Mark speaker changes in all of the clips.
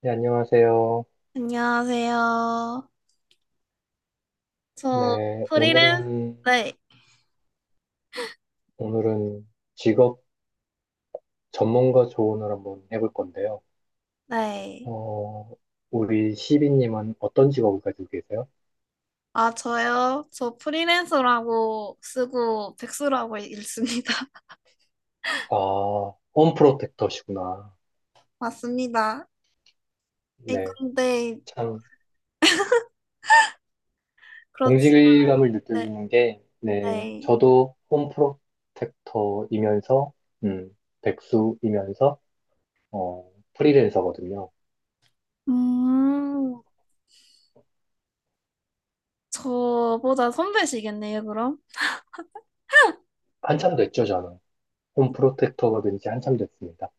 Speaker 1: 네, 안녕하세요.
Speaker 2: 안녕하세요. 저
Speaker 1: 네,
Speaker 2: 프리랜서,
Speaker 1: 오늘은,
Speaker 2: 네,
Speaker 1: 오늘은 직업 전문가 조언을 한번 해볼 건데요.
Speaker 2: 네.
Speaker 1: 어, 우리 시비님은 어떤 직업을 가지고 계세요?
Speaker 2: 아, 저요? 저 프리랜서라고 쓰고 백수라고 읽습니다.
Speaker 1: 아, 홈프로텍터시구나.
Speaker 2: 맞습니다.
Speaker 1: 네,
Speaker 2: 근데,
Speaker 1: 참,
Speaker 2: 그렇지,
Speaker 1: 동질감을
Speaker 2: 네,
Speaker 1: 느껴지는 게, 네,
Speaker 2: 네.
Speaker 1: 저도 홈프로텍터이면서, 음, 백수이면서, 프리랜서거든요.
Speaker 2: 음, 저보다 선배시겠네요, 그럼?
Speaker 1: 한참 됐죠, 저는. 홈프로텍터가 된 지 한참 됐습니다.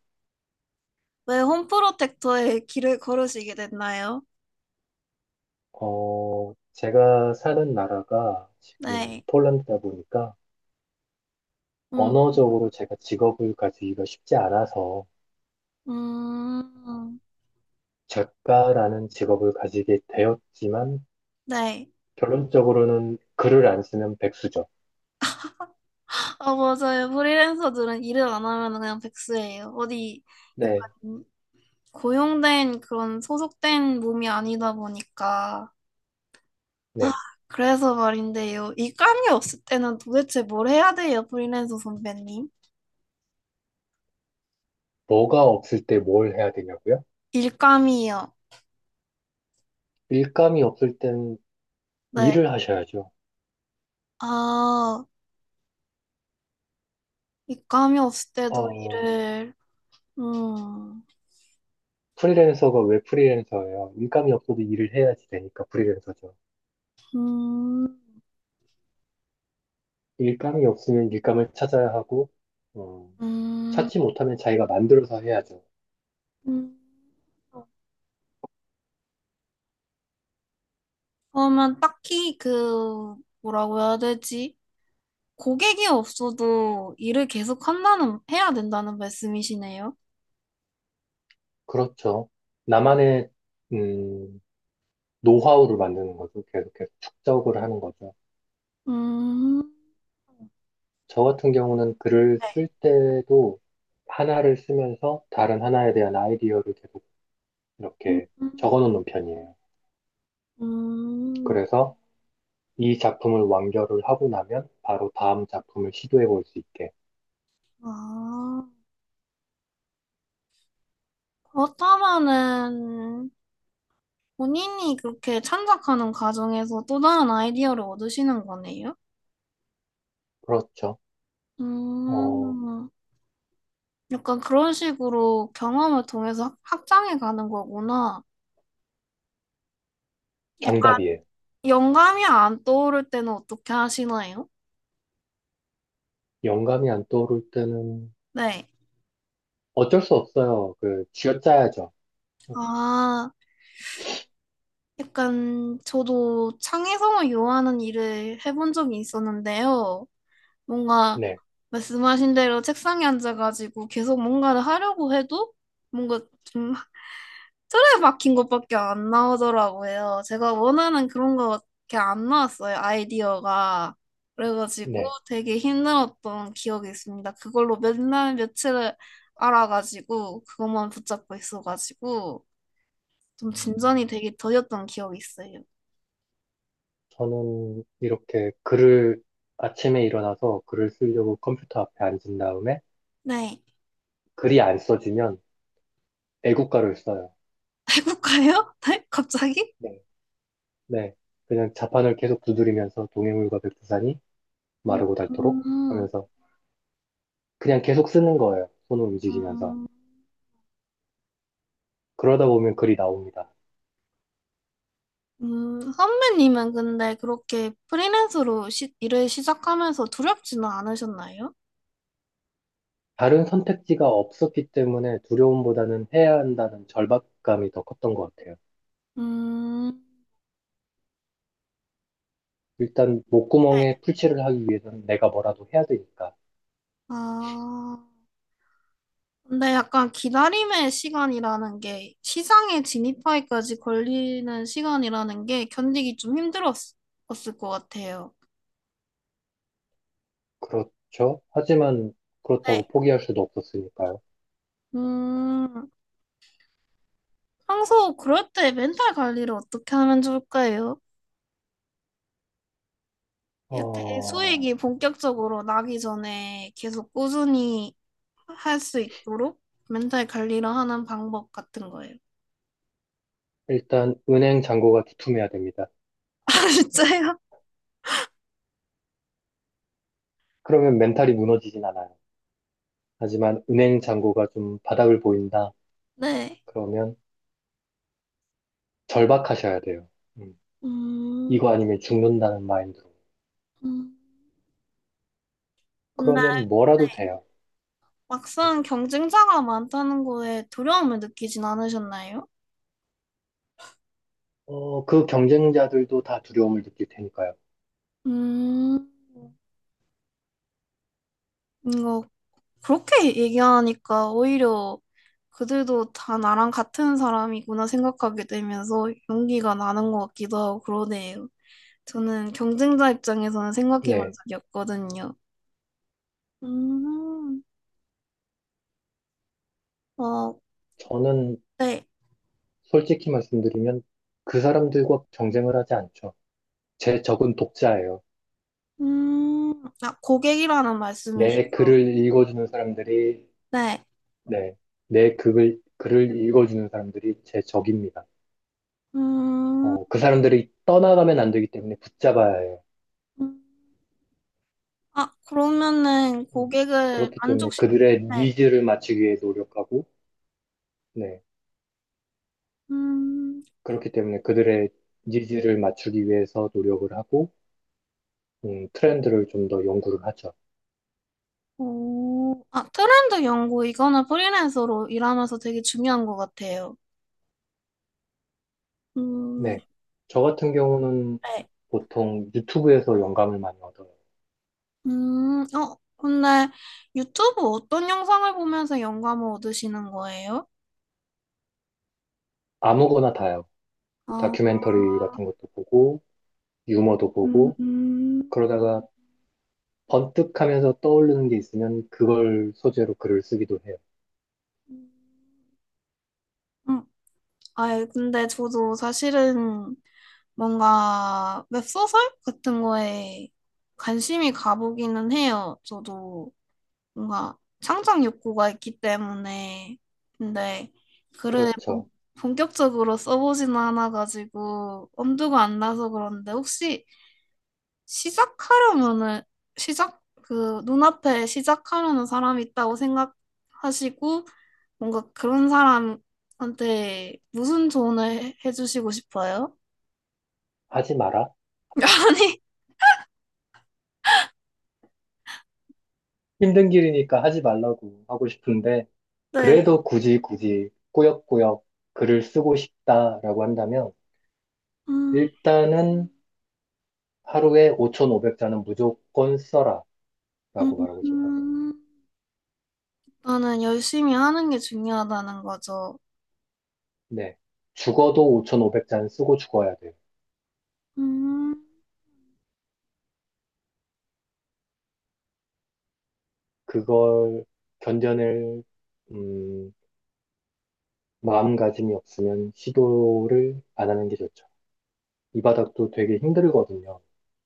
Speaker 2: 왜 홈프로텍터에 길을 걸으시게 됐나요?
Speaker 1: 제가 사는 나라가 지금
Speaker 2: 네.
Speaker 1: 폴란드다 보니까
Speaker 2: 음,
Speaker 1: 언어적으로 제가 직업을 가지기가 쉽지 않아서 어,
Speaker 2: 음,
Speaker 1: 작가라는 직업을 가지게 되었지만
Speaker 2: 네.
Speaker 1: 결론적으로는 글을 안 쓰는 백수죠.
Speaker 2: 아, 맞아요. 프리랜서들은 일을 안 하면 그냥 백수예요. 어디,
Speaker 1: 네,
Speaker 2: 약간 고용된 그런 소속된 몸이 아니다 보니까. 아,
Speaker 1: 네.
Speaker 2: 그래서 말인데요, 일감이 없을 때는 도대체 뭘 해야 돼요, 프리랜서 선배님?
Speaker 1: 뭐가 없을 때 뭘 해야 되냐고요?
Speaker 2: 일감이요.
Speaker 1: 일감이 없을 땐
Speaker 2: 네.
Speaker 1: 일을 하셔야죠.
Speaker 2: 아, 일감이 없을 때도
Speaker 1: 어,
Speaker 2: 일을. 음.
Speaker 1: 프리랜서가 왜 프리랜서예요? 일감이 없어도 일을 해야지 되니까 프리랜서죠.
Speaker 2: 음.
Speaker 1: 일감이 없으면 일감을 찾아야 하고, 어,
Speaker 2: 음.
Speaker 1: 찾지 못하면 자기가 만들어서 해야죠.
Speaker 2: 음. 그러면 딱히 그 뭐라고 해야 되지? 고객이 없어도 일을 계속 한다는 해야 된다는 말씀이시네요.
Speaker 1: 그렇죠. 나만의, 음, 노하우를 만드는 거죠. 계속 계속 축적을 하는 거죠.
Speaker 2: 음.
Speaker 1: 저 같은 경우는 글을
Speaker 2: 네.
Speaker 1: 쓸 때도 하나를 쓰면서 다른 하나에 대한 아이디어를 계속
Speaker 2: 음,
Speaker 1: 이렇게 적어 놓는 편이에요.
Speaker 2: 음,
Speaker 1: 그래서 이 작품을 완결을 하고 나면 바로 다음 작품을 시도해 볼 수 있게.
Speaker 2: 아, 그렇다면은 본인이 그렇게 창작하는 과정에서 또 다른 아이디어를 얻으시는 거네요?
Speaker 1: 그렇죠. 어,
Speaker 2: 음, 약간 그런 식으로 경험을 통해서 확장해 가는 거구나. 약간
Speaker 1: 정답이에요.
Speaker 2: 영감이 안 떠오를 때는 어떻게 하시나요?
Speaker 1: 영감이 안 떠오를 때는
Speaker 2: 네.
Speaker 1: 어쩔 수 없어요. 그, 쥐어짜야죠.
Speaker 2: 아, 약간 저도 창의성을 요하는 일을 해본 적이 있었는데요. 뭔가
Speaker 1: 네,
Speaker 2: 말씀하신 대로 책상에 앉아가지고 계속 뭔가를 하려고 해도 뭔가 좀 틀에 박힌 것밖에 안 나오더라고요. 제가 원하는 그런 거밖에 안 나왔어요, 아이디어가. 그래가지고
Speaker 1: 네.
Speaker 2: 되게 힘들었던 기억이 있습니다. 그걸로 몇 날 며칠을 알아가지고 그것만 붙잡고 있어가지고 좀 진전이 되게 더뎠던 기억이 있어요.
Speaker 1: 저는 이렇게 글을 아침에 일어나서 글을 쓰려고 컴퓨터 앞에 앉은 다음에
Speaker 2: 네.
Speaker 1: 글이 안 써지면 애국가를 써요.
Speaker 2: 해볼까요? 네? 갑자기?
Speaker 1: 네, 네. 그냥 자판을 계속 두드리면서 동해물과 백두산이
Speaker 2: 음,
Speaker 1: 마르고 닳도록
Speaker 2: 음.
Speaker 1: 하면서 그냥 계속 쓰는 거예요. 손을 움직이면서.
Speaker 2: 음.
Speaker 1: 그러다 보면 글이 나옵니다.
Speaker 2: 선배님은 근데 그렇게 프리랜서로 일을 시작하면서 두렵지는 않으셨나요?
Speaker 1: 다른 선택지가 없었기 때문에 두려움보다는 해야 한다는 절박감이 더 컸던 것 같아요.
Speaker 2: 음,
Speaker 1: 일단 목구멍에
Speaker 2: 네.
Speaker 1: 풀칠을 하기 위해서는 내가 뭐라도 해야 되니까.
Speaker 2: 아, 근데 약간 기다림의 시간이라는 게 시장에 진입하기까지 걸리는 시간이라는 게 견디기 좀 힘들었을 것 같아요.
Speaker 1: 그렇죠. 하지만 그렇다고
Speaker 2: 네.
Speaker 1: 포기할 수도 없었으니까요.
Speaker 2: 음, 평소 그럴 때 멘탈 관리를 어떻게 하면 좋을까요? 이렇게
Speaker 1: 어,
Speaker 2: 수익이 본격적으로 나기 전에 계속 꾸준히 할 수 있도록 멘탈 관리를 하는 방법 같은 거예요.
Speaker 1: 일단 은행 잔고가 두툼해야 됩니다.
Speaker 2: 아, 진짜요?
Speaker 1: 그러면 멘탈이 무너지진 않아요. 하지만 은행 잔고가 좀 바닥을 보인다.
Speaker 2: 네.
Speaker 1: 그러면 절박하셔야 돼요. 음,
Speaker 2: 음,
Speaker 1: 이거 아니면 죽는다는 마인드로.
Speaker 2: 음. 근데
Speaker 1: 그러면 뭐라도 돼요. 음,
Speaker 2: 막상 경쟁자가 많다는 거에 두려움을 느끼진 않으셨나요?
Speaker 1: 그 경쟁자들도 다 두려움을 느낄 테니까요.
Speaker 2: 음, 이거 그렇게 얘기하니까 오히려 그들도 다 나랑 같은 사람이구나 생각하게 되면서 용기가 나는 것 같기도 하고 그러네요. 저는 경쟁자 입장에서는 생각해 본
Speaker 1: 네.
Speaker 2: 적이 없거든요. 음, 어,
Speaker 1: 저는
Speaker 2: 네.
Speaker 1: 솔직히 말씀드리면 그 사람들과 경쟁을 하지 않죠. 제 적은 독자예요.
Speaker 2: 음, 아, 고객이라는 말씀이신데,
Speaker 1: 내 글을 읽어주는 사람들이, 네, 내 글을 읽어주는 사람들이 제 적입니다.
Speaker 2: 음,
Speaker 1: 그 사람들이 떠나가면 안 되기 때문에 붙잡아야 해요.
Speaker 2: 아, 그러면은
Speaker 1: 음,
Speaker 2: 고객을
Speaker 1: 그렇기 때문에
Speaker 2: 만족시키,
Speaker 1: 그들의
Speaker 2: 네.
Speaker 1: 니즈를 맞추기 위해 노력하고, 네,
Speaker 2: 음,
Speaker 1: 그렇기 때문에 그들의 니즈를 맞추기 위해서 노력을 하고, 트렌드를 좀 더 연구를 하죠.
Speaker 2: 오, 아, 트렌드 연구, 이거는 프리랜서로 일하면서 되게 중요한 것 같아요. 음,
Speaker 1: 네. 저 같은 경우는
Speaker 2: 네.
Speaker 1: 보통 유튜브에서 영감을 많이 얻어요.
Speaker 2: 어, 근데 유튜브 어떤 영상을 보면서 영감을 얻으시는 거예요?
Speaker 1: 아무거나 다요.
Speaker 2: 아,
Speaker 1: 다큐멘터리 같은 것도 보고, 유머도
Speaker 2: 음,
Speaker 1: 보고,
Speaker 2: 음,
Speaker 1: 그러다가 번뜩 하면서 떠오르는 게 있으면 그걸 소재로 글을 쓰기도 해요.
Speaker 2: 음. 아, 근데 저도 사실은 뭔가 웹소설 같은 거에 관심이 가보기는 해요. 저도 뭔가 창작 욕구가 있기 때문에. 근데 글을
Speaker 1: 그렇죠.
Speaker 2: 본격적으로 써보지는 않아가지고 엄두가 안 나서 그런데, 혹시 시작하려면은, 시작 그 눈앞에 시작하려는 사람이 있다고 생각하시고 뭔가 그런 사람한테 무슨 조언을 해주시고 싶어요?
Speaker 1: 하지 마라.
Speaker 2: 아니,
Speaker 1: 힘든 길이니까 하지 말라고 하고 싶은데,
Speaker 2: 네.
Speaker 1: 그래도 굳이 굳이 꾸역꾸역 글을 쓰고 싶다라고 한다면,
Speaker 2: 음.
Speaker 1: 일단은 하루에 5,500자는 무조건 써라라고 말하고 싶어요.
Speaker 2: 음, 나는 열심히 하는 게 중요하다는 거죠.
Speaker 1: 네. 죽어도 5,500잔 쓰고 죽어야 돼요.
Speaker 2: 음,
Speaker 1: 그걸 견뎌낼, 음, 마음가짐이 없으면 시도를 안 하는 게 좋죠. 이 바닥도 되게 힘들거든요.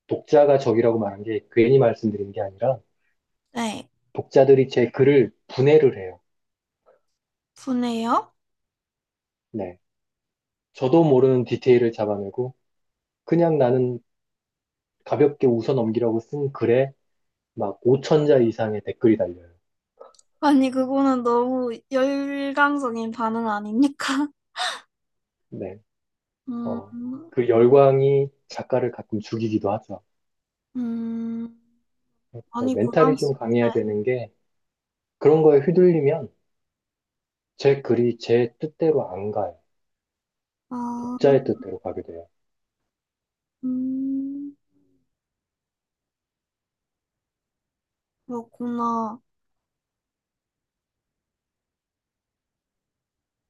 Speaker 1: 독자가 적이라고 말한 게 괜히 말씀드린 게 아니라
Speaker 2: 네,
Speaker 1: 독자들이 제 글을 분해를 해요.
Speaker 2: 분해요?
Speaker 1: 네. 저도 모르는 디테일을 잡아내고 그냥 나는 가볍게 웃어넘기라고 쓴 글에 막 5천자 이상의 댓글이 달려요.
Speaker 2: 아니, 그거는 너무 열광적인 반응 아닙니까?
Speaker 1: 네.
Speaker 2: 음,
Speaker 1: 어, 그 열광이 작가를 가끔 죽이기도 하죠.
Speaker 2: 음,
Speaker 1: 그
Speaker 2: 아니,
Speaker 1: 멘탈이 좀
Speaker 2: 부담스, 네.
Speaker 1: 강해야 되는 게 그런 거에 휘둘리면 제 글이 제 뜻대로 안 가요.
Speaker 2: 아,
Speaker 1: 독자의 뜻대로 가게 돼요.
Speaker 2: 음, 그렇구나.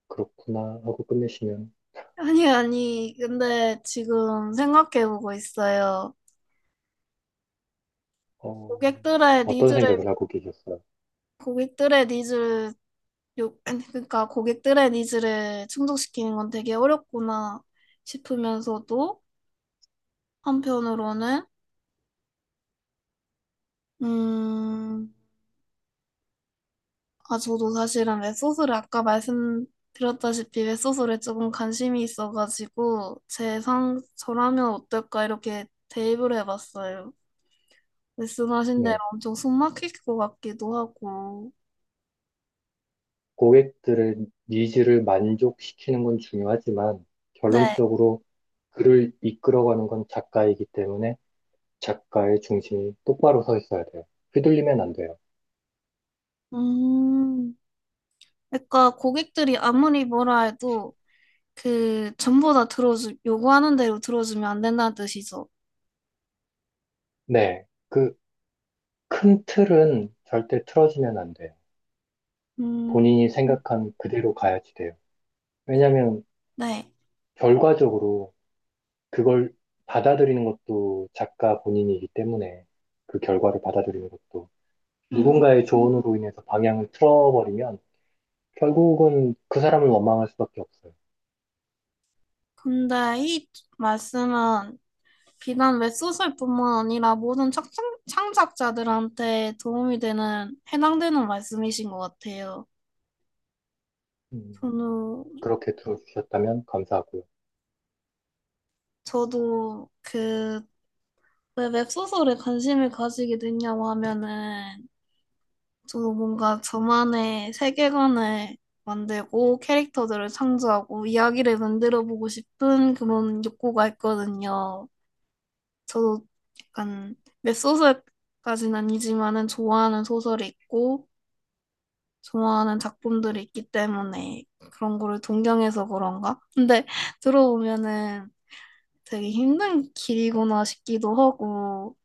Speaker 1: 그렇구나 하고 끝내시면
Speaker 2: 아니, 아니, 근데 지금 생각해보고 있어요.
Speaker 1: 어,
Speaker 2: 고객들의
Speaker 1: 어떤
Speaker 2: 니즈를,
Speaker 1: 생각을 하고 계셨어요?
Speaker 2: 고객들의 니즈를 요, 아니, 그러니까 고객들의 니즈를 충족시키는 건 되게 어렵구나 싶으면서도 한편으로는, 음, 아, 저도 사실은 웹소설을, 아까 말씀드렸다시피 웹소설에 조금 관심이 있어가지고, 제 저라면 어떨까 이렇게 대입을 해봤어요. 말씀하신 대로
Speaker 1: 네,
Speaker 2: 엄청 숨 막힐 것 같기도 하고.
Speaker 1: 고객들의 니즈를 만족시키는 건 중요하지만
Speaker 2: 네.
Speaker 1: 결론적으로 글을 이끌어가는 건 작가이기 때문에 작가의 중심이 똑바로 서 있어야 돼요. 휘둘리면 안 돼요.
Speaker 2: 음, 그러니까 고객들이 아무리 뭐라 해도 그 전부 다 들어주 요구하는 대로 들어주면 안 된다는 뜻이죠.
Speaker 1: 네, 그 큰 틀은 절대 틀어지면 안 돼요.
Speaker 2: 음,
Speaker 1: 본인이 생각한 그대로 가야지 돼요. 왜냐하면
Speaker 2: 네.
Speaker 1: 결과적으로 그걸 받아들이는 것도 작가 본인이기 때문에 그 결과를 받아들이는 것도
Speaker 2: 음,
Speaker 1: 누군가의 조언으로 인해서 방향을 틀어버리면 결국은 그 사람을 원망할 수밖에 없어요.
Speaker 2: 근데 이 말씀은 비단 웹소설뿐만 아니라 모든 창, 창작자들한테 도움이 되는 해당되는 말씀이신 것 같아요.
Speaker 1: 음,
Speaker 2: 저는,
Speaker 1: 그렇게 들어주셨다면 감사하고요.
Speaker 2: 저도 그 왜 웹소설에 관심을 가지게 됐냐고 하면은, 저 뭔가 저만의 세계관을 만들고 캐릭터들을 창조하고 이야기를 만들어 보고 싶은 그런 욕구가 있거든요. 저도 약간 웹소설까지는 아니지만은 좋아하는 소설이 있고 좋아하는 작품들이 있기 때문에 그런 거를 동경해서 그런가? 근데 들어보면은 되게 힘든 길이구나 싶기도 하고.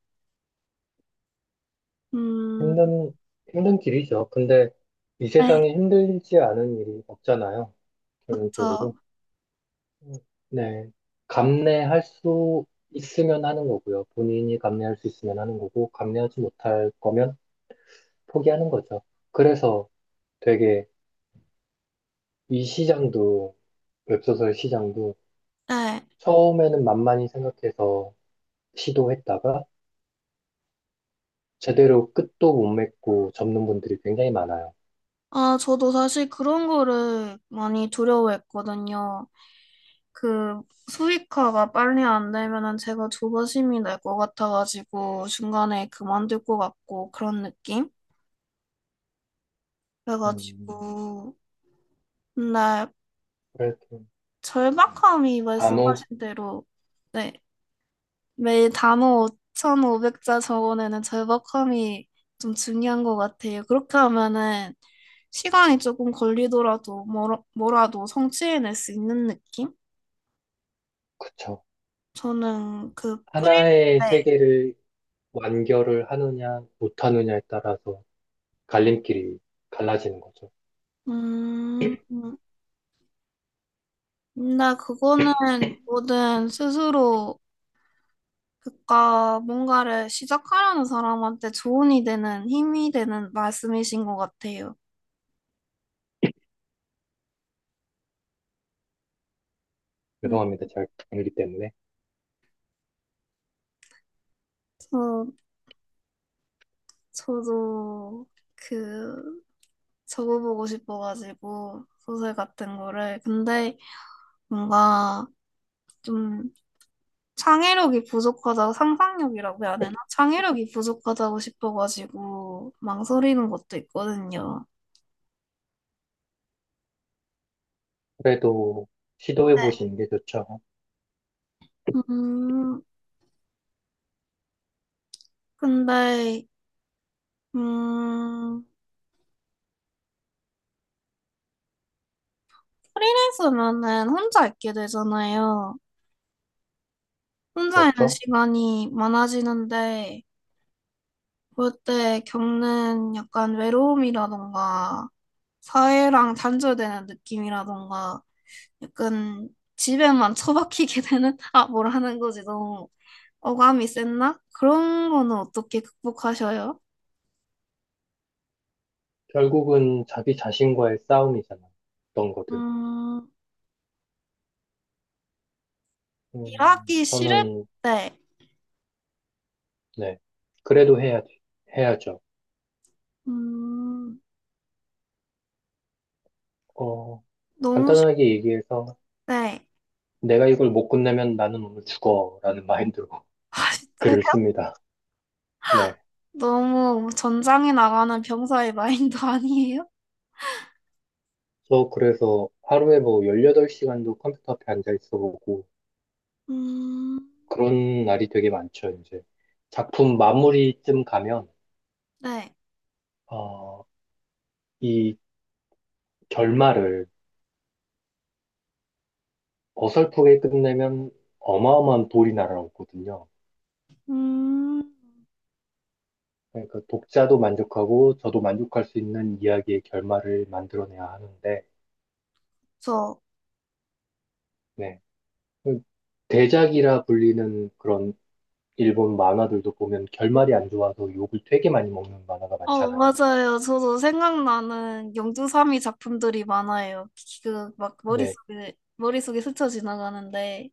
Speaker 2: 음,
Speaker 1: 힘든, 힘든 길이죠. 근데 이
Speaker 2: 네,
Speaker 1: 세상에 힘들지 않은 일이 없잖아요. 결론적으로.
Speaker 2: 그쵸.
Speaker 1: 네. 감내할 수 있으면 하는 거고요. 본인이 감내할 수 있으면 하는 거고, 감내하지 못할 거면 포기하는 거죠. 그래서 되게 이 시장도, 웹소설 시장도
Speaker 2: 네.
Speaker 1: 처음에는 만만히 생각해서 시도했다가 제대로 끝도 못 맺고 접는 분들이 굉장히 많아요.
Speaker 2: 아, 저도 사실 그런 거를 많이 두려워했거든요. 그 수익화가 빨리 안 되면은 제가 조바심이 날 것 같아가지고 중간에 그만둘 것 같고 그런 느낌?
Speaker 1: 음,
Speaker 2: 그래가지고 근데
Speaker 1: 그래도
Speaker 2: 절박함이,
Speaker 1: 아무,
Speaker 2: 말씀하신 대로, 네, 매일 단어 5,500자 적어내는 절박함이 좀 중요한 것 같아요. 그렇게 하면은 시간이 조금 걸리더라도 뭐라도 성취해낼 수 있는 느낌?
Speaker 1: 그쵸.
Speaker 2: 저는 그
Speaker 1: 하나의
Speaker 2: 프리랜서에,
Speaker 1: 세계를 완결을 하느냐, 못하느냐에 따라서 갈림길이 갈라지는 거죠.
Speaker 2: 음, 근데 그거는 뭐든 스스로, 그니까 뭔가를 시작하려는 사람한테 조언이 되는 힘이 되는 말씀이신 것 같아요. 음,
Speaker 1: 죄송합니다. 잘 모르기 때문에.
Speaker 2: 저, 저도 그 적어보고 싶어가지고 소설 같은 거를, 근데 뭔가 좀 창의력이 부족하다, 상상력이라고 해야 되나? 창의력이 부족하다고 싶어가지고 망설이는 것도 있거든요.
Speaker 1: 그래도 시도해
Speaker 2: 네.
Speaker 1: 보시는 게 좋죠.
Speaker 2: 음, 근데, 음, 프리랜서면은 혼자 있게 되잖아요. 혼자 있는
Speaker 1: 그렇죠?
Speaker 2: 시간이 많아지는데, 그럴 때 겪는 약간 외로움이라던가, 사회랑 단절되는 느낌이라던가, 약간 집에만 처박히게 되는, 아, 뭐라는 거지, 너무. 어감이 셌나? 그런 거는 어떻게 극복하셔요?
Speaker 1: 결국은 자기 자신과의 싸움이잖아요. 어떤 거든.
Speaker 2: 음, 일하기 싫을
Speaker 1: 저는,
Speaker 2: 때,
Speaker 1: 네. 그래도 해야죠.
Speaker 2: 음,
Speaker 1: 어,
Speaker 2: 너무 싫을
Speaker 1: 간단하게 얘기해서
Speaker 2: 때,
Speaker 1: 내가 이걸 못 끝내면 나는 오늘 죽어라는 마인드로
Speaker 2: 아, 진짜
Speaker 1: 글을 씁니다. 네.
Speaker 2: 너무 전장에 나가는 병사의 마인드 아니에요?
Speaker 1: 저 그래서 하루에 뭐 18시간도 컴퓨터 앞에 앉아 있어 보고
Speaker 2: 음,
Speaker 1: 그런 날이 되게 많죠, 이제. 작품 마무리쯤 가면,
Speaker 2: 네.
Speaker 1: 어, 이 결말을 어설프게 끝내면 어마어마한 돌이 날아오거든요.
Speaker 2: 음,
Speaker 1: 그러니까 독자도 만족하고 저도 만족할 수 있는 이야기의 결말을 만들어내야 하는데,
Speaker 2: 저,
Speaker 1: 네. 그 대작이라 불리는 그런 일본 만화들도 보면 결말이 안 좋아서 욕을 되게 많이 먹는 만화가
Speaker 2: 어,
Speaker 1: 많잖아요.
Speaker 2: 맞아요. 저도 생각나는 영주삼이 작품들이 많아요. 그, 막,
Speaker 1: 네.
Speaker 2: 머릿속에 스쳐 지나가는데.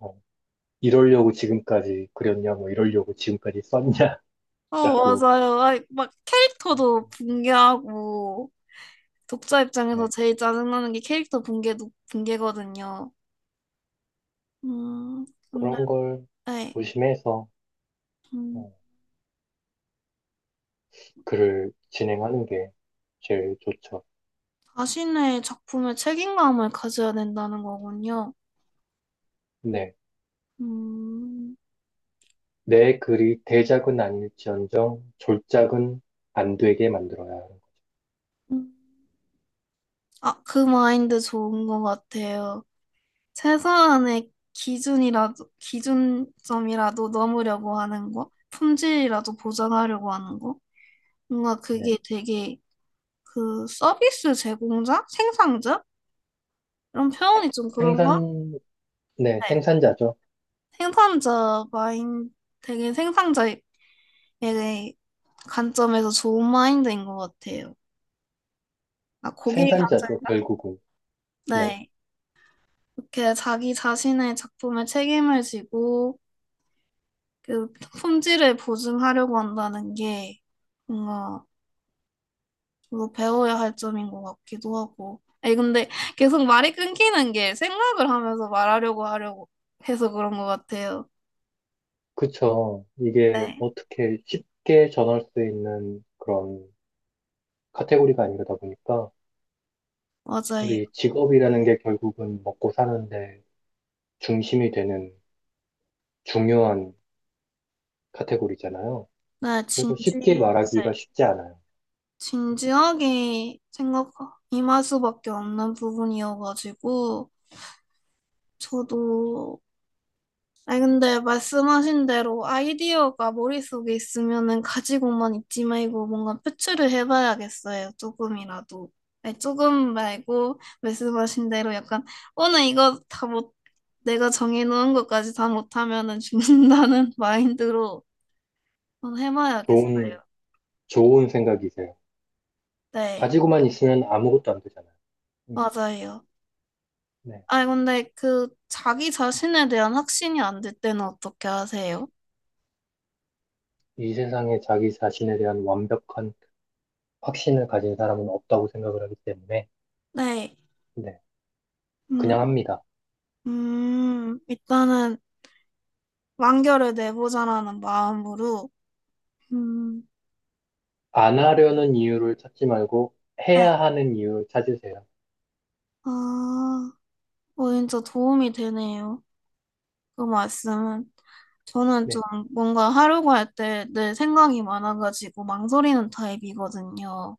Speaker 1: 어, 이러려고 지금까지 그렸냐, 뭐 이러려고 지금까지
Speaker 2: 어,
Speaker 1: 썼냐라고,
Speaker 2: 맞아요. 아이, 막, 캐릭터도 붕괴하고, 독자 입장에서
Speaker 1: 네.
Speaker 2: 제일 짜증나는 게 캐릭터 붕괴, 붕괴거든요. 음, 근데,
Speaker 1: 그런 걸
Speaker 2: 네.
Speaker 1: 조심해서
Speaker 2: 음,
Speaker 1: 어, 글을 진행하는 게 제일 좋죠.
Speaker 2: 자신의 작품에 책임감을 가져야 된다는 거군요.
Speaker 1: 네.
Speaker 2: 음,
Speaker 1: 내 글이 대작은 아닐지언정 졸작은 안 되게 만들어야 하는 거.
Speaker 2: 음. 아, 그 마인드 좋은 것 같아요. 최소한의 기준이라도, 기준점이라도 넘으려고 하는 거, 품질이라도 보장하려고 하는 거. 뭔가 그게
Speaker 1: 네.
Speaker 2: 되게 그 서비스 제공자? 생산자? 이런 표현이 좀
Speaker 1: 생산,
Speaker 2: 그런가?
Speaker 1: 네,
Speaker 2: 네.
Speaker 1: 생산자죠.
Speaker 2: 생산자 마인 되게 생산자의 관점에서 좋은 마인드인 것 같아요. 아, 고객의
Speaker 1: 생산자죠,
Speaker 2: 관점인가?
Speaker 1: 결국은. 네.
Speaker 2: 네. 이렇게 자기 자신의 작품에 책임을 지고 그 품질을 보증하려고 한다는 게, 뭔가 이거 배워야 할 점인 것 같기도 하고. 아니, 근데 계속 말이 끊기는 게 생각을 하면서 말하려고 하려고 해서 그런 것 같아요.
Speaker 1: 그쵸. 이게
Speaker 2: 네,
Speaker 1: 어떻게 쉽게 전할 수 있는 그런 카테고리가 아니다 보니까
Speaker 2: 맞아요.
Speaker 1: 우리 직업이라는 게 결국은 먹고 사는데 중심이 되는 중요한 카테고리잖아요.
Speaker 2: 네,
Speaker 1: 그래서
Speaker 2: 진지.
Speaker 1: 쉽게 말하기가
Speaker 2: 네.
Speaker 1: 쉽지 않아요.
Speaker 2: 진지하게 생각 임할 수밖에 없는 부분이어가지고 저도, 아니 근데 말씀하신 대로 아이디어가 머릿속에 있으면은 가지고만 있지 말고 뭔가 표출을 해봐야겠어요, 조금이라도. 아니, 조금 말고, 말씀하신 대로 약간 오늘 이거 다 못, 내가 정해놓은 것까지 다 못하면은 죽는다는 마인드로 한번
Speaker 1: 좋은,
Speaker 2: 해봐야겠어요.
Speaker 1: 좋은 생각이세요.
Speaker 2: 네.
Speaker 1: 가지고만 있으면 아무것도 안 되잖아요.
Speaker 2: 맞아요.
Speaker 1: 네.
Speaker 2: 아니, 근데 그 자기 자신에 대한 확신이 안 될 때는 어떻게 하세요?
Speaker 1: 이 세상에 자기 자신에 대한 완벽한 확신을 가진 사람은 없다고 생각을 하기 때문에,
Speaker 2: 네.
Speaker 1: 네.
Speaker 2: 음,
Speaker 1: 그냥 합니다.
Speaker 2: 일단은 완결을 내보자라는 마음으로, 음,
Speaker 1: 안 하려는 이유를 찾지 말고,
Speaker 2: 네.
Speaker 1: 해야 하는 이유를 찾으세요.
Speaker 2: 아, 어, 진짜 도움이 되네요, 그 말씀은. 저는 좀
Speaker 1: 네.
Speaker 2: 뭔가 하려고 할 때 내 생각이 많아가지고 망설이는 타입이거든요.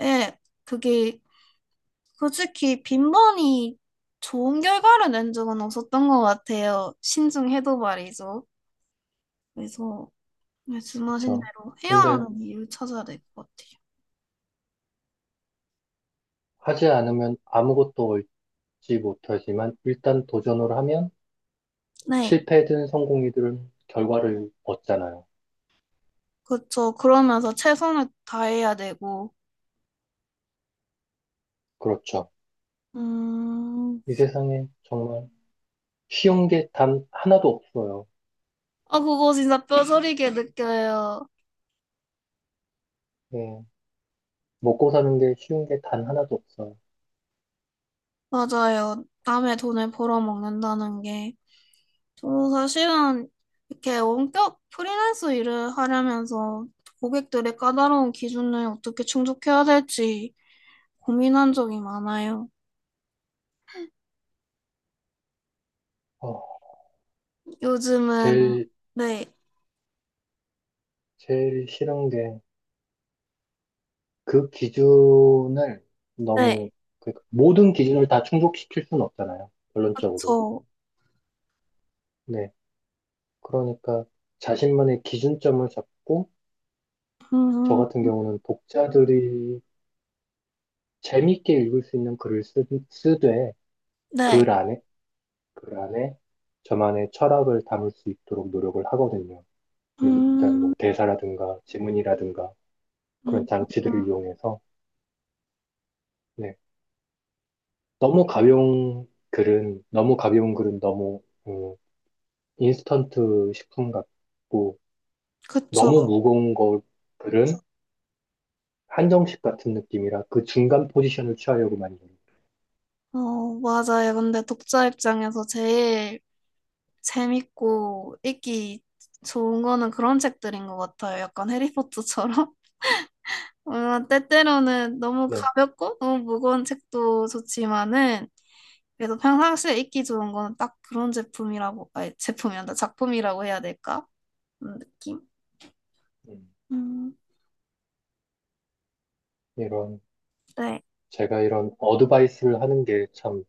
Speaker 2: 예, 그게 솔직히 빈번히 좋은 결과를 낸 적은 없었던 것 같아요, 신중해도 말이죠. 그래서 말씀하신
Speaker 1: 그쵸.
Speaker 2: 대로 헤어하
Speaker 1: 근데,
Speaker 2: 는 이유를 찾아야 될 것 같아요.
Speaker 1: 하지 않으면 아무것도 얻지 못하지만, 일단 도전을 하면,
Speaker 2: 네.
Speaker 1: 실패든 성공이든 결과를 얻잖아요.
Speaker 2: 그렇죠. 그러면서 최선을 다해야 되고,
Speaker 1: 그렇죠.
Speaker 2: 음,
Speaker 1: 이 세상에 정말 쉬운 게 단 하나도 없어요.
Speaker 2: 아, 그거 진짜 뼈저리게 느껴요.
Speaker 1: 예. 먹고 사는 게 쉬운 게 단 하나도 없어요.
Speaker 2: 맞아요. 남의 돈을 벌어먹는다는 게. 저도 사실은 이렇게 원격 프리랜서 일을 하려면서 고객들의 까다로운 기준을 어떻게 충족해야 될지 고민한 적이 많아요.
Speaker 1: 어,
Speaker 2: 요즘은,
Speaker 1: 제일
Speaker 2: 네,
Speaker 1: 제일 싫은 게 그 기준을
Speaker 2: 네.
Speaker 1: 너무 그러니까 모든 기준을 다 충족시킬 수는 없잖아요. 결론적으로.
Speaker 2: 그렇죠.
Speaker 1: 네. 그러니까 자신만의 기준점을 잡고 저
Speaker 2: 음,
Speaker 1: 같은 경우는 독자들이 재밌게 읽을 수 있는 글을 쓰되 글
Speaker 2: 네.
Speaker 1: 안에 글 안에 저만의 철학을 담을 수 있도록 노력을 하거든요. 일단
Speaker 2: 음,
Speaker 1: 뭐 대사라든가 지문이라든가 그런
Speaker 2: 음, 음.
Speaker 1: 장치들을 이용해서 네. 너무 가벼운 글은 너무, 음, 인스턴트 식품 같고,
Speaker 2: 그쵸.
Speaker 1: 너무 무거운 거 글은 한정식 같은 느낌이라 그 중간 포지션을 취하려고 많이 해요.
Speaker 2: 어, 맞아요. 근데 독자 입장에서 제일 재밌고 읽기 좋은 거는 그런 책들인 것 같아요. 약간 해리포터처럼. 어, 때때로는 너무
Speaker 1: 네.
Speaker 2: 가볍고 너무 무거운 책도 좋지만은 그래도 평상시에 읽기 좋은 거는 딱 그런 제품이라고, 아니, 제품이란다. 작품이라고 해야 될까? 그런 느낌?
Speaker 1: 음,
Speaker 2: 음,
Speaker 1: 이런,
Speaker 2: 네.
Speaker 1: 제가 이런 어드바이스를 하는 게 참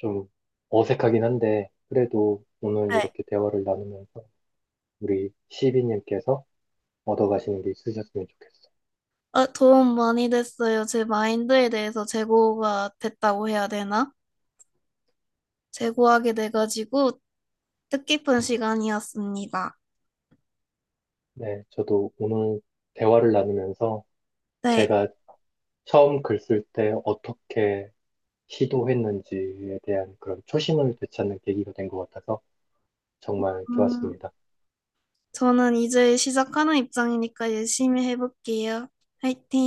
Speaker 1: 좀 어색하긴 한데, 그래도 오늘
Speaker 2: 네.
Speaker 1: 이렇게 대화를 나누면서 우리 시비님께서 얻어가시는 게 있으셨으면 좋겠어요.
Speaker 2: 어, 도움 많이 됐어요. 제 마인드에 대해서 재고가 됐다고 해야 되나? 제고하게 돼가지고 뜻깊은 시간이었습니다.
Speaker 1: 네. 저도 오늘 대화를 나누면서
Speaker 2: 네.
Speaker 1: 제가 처음 글 쓸 때 어떻게 시도했는지에 대한 그런 초심을 되찾는 계기가 된 것 같아서 정말
Speaker 2: 음,
Speaker 1: 좋았습니다.
Speaker 2: 저는 이제 시작하는 입장이니까 열심히 해볼게요. 화이팅!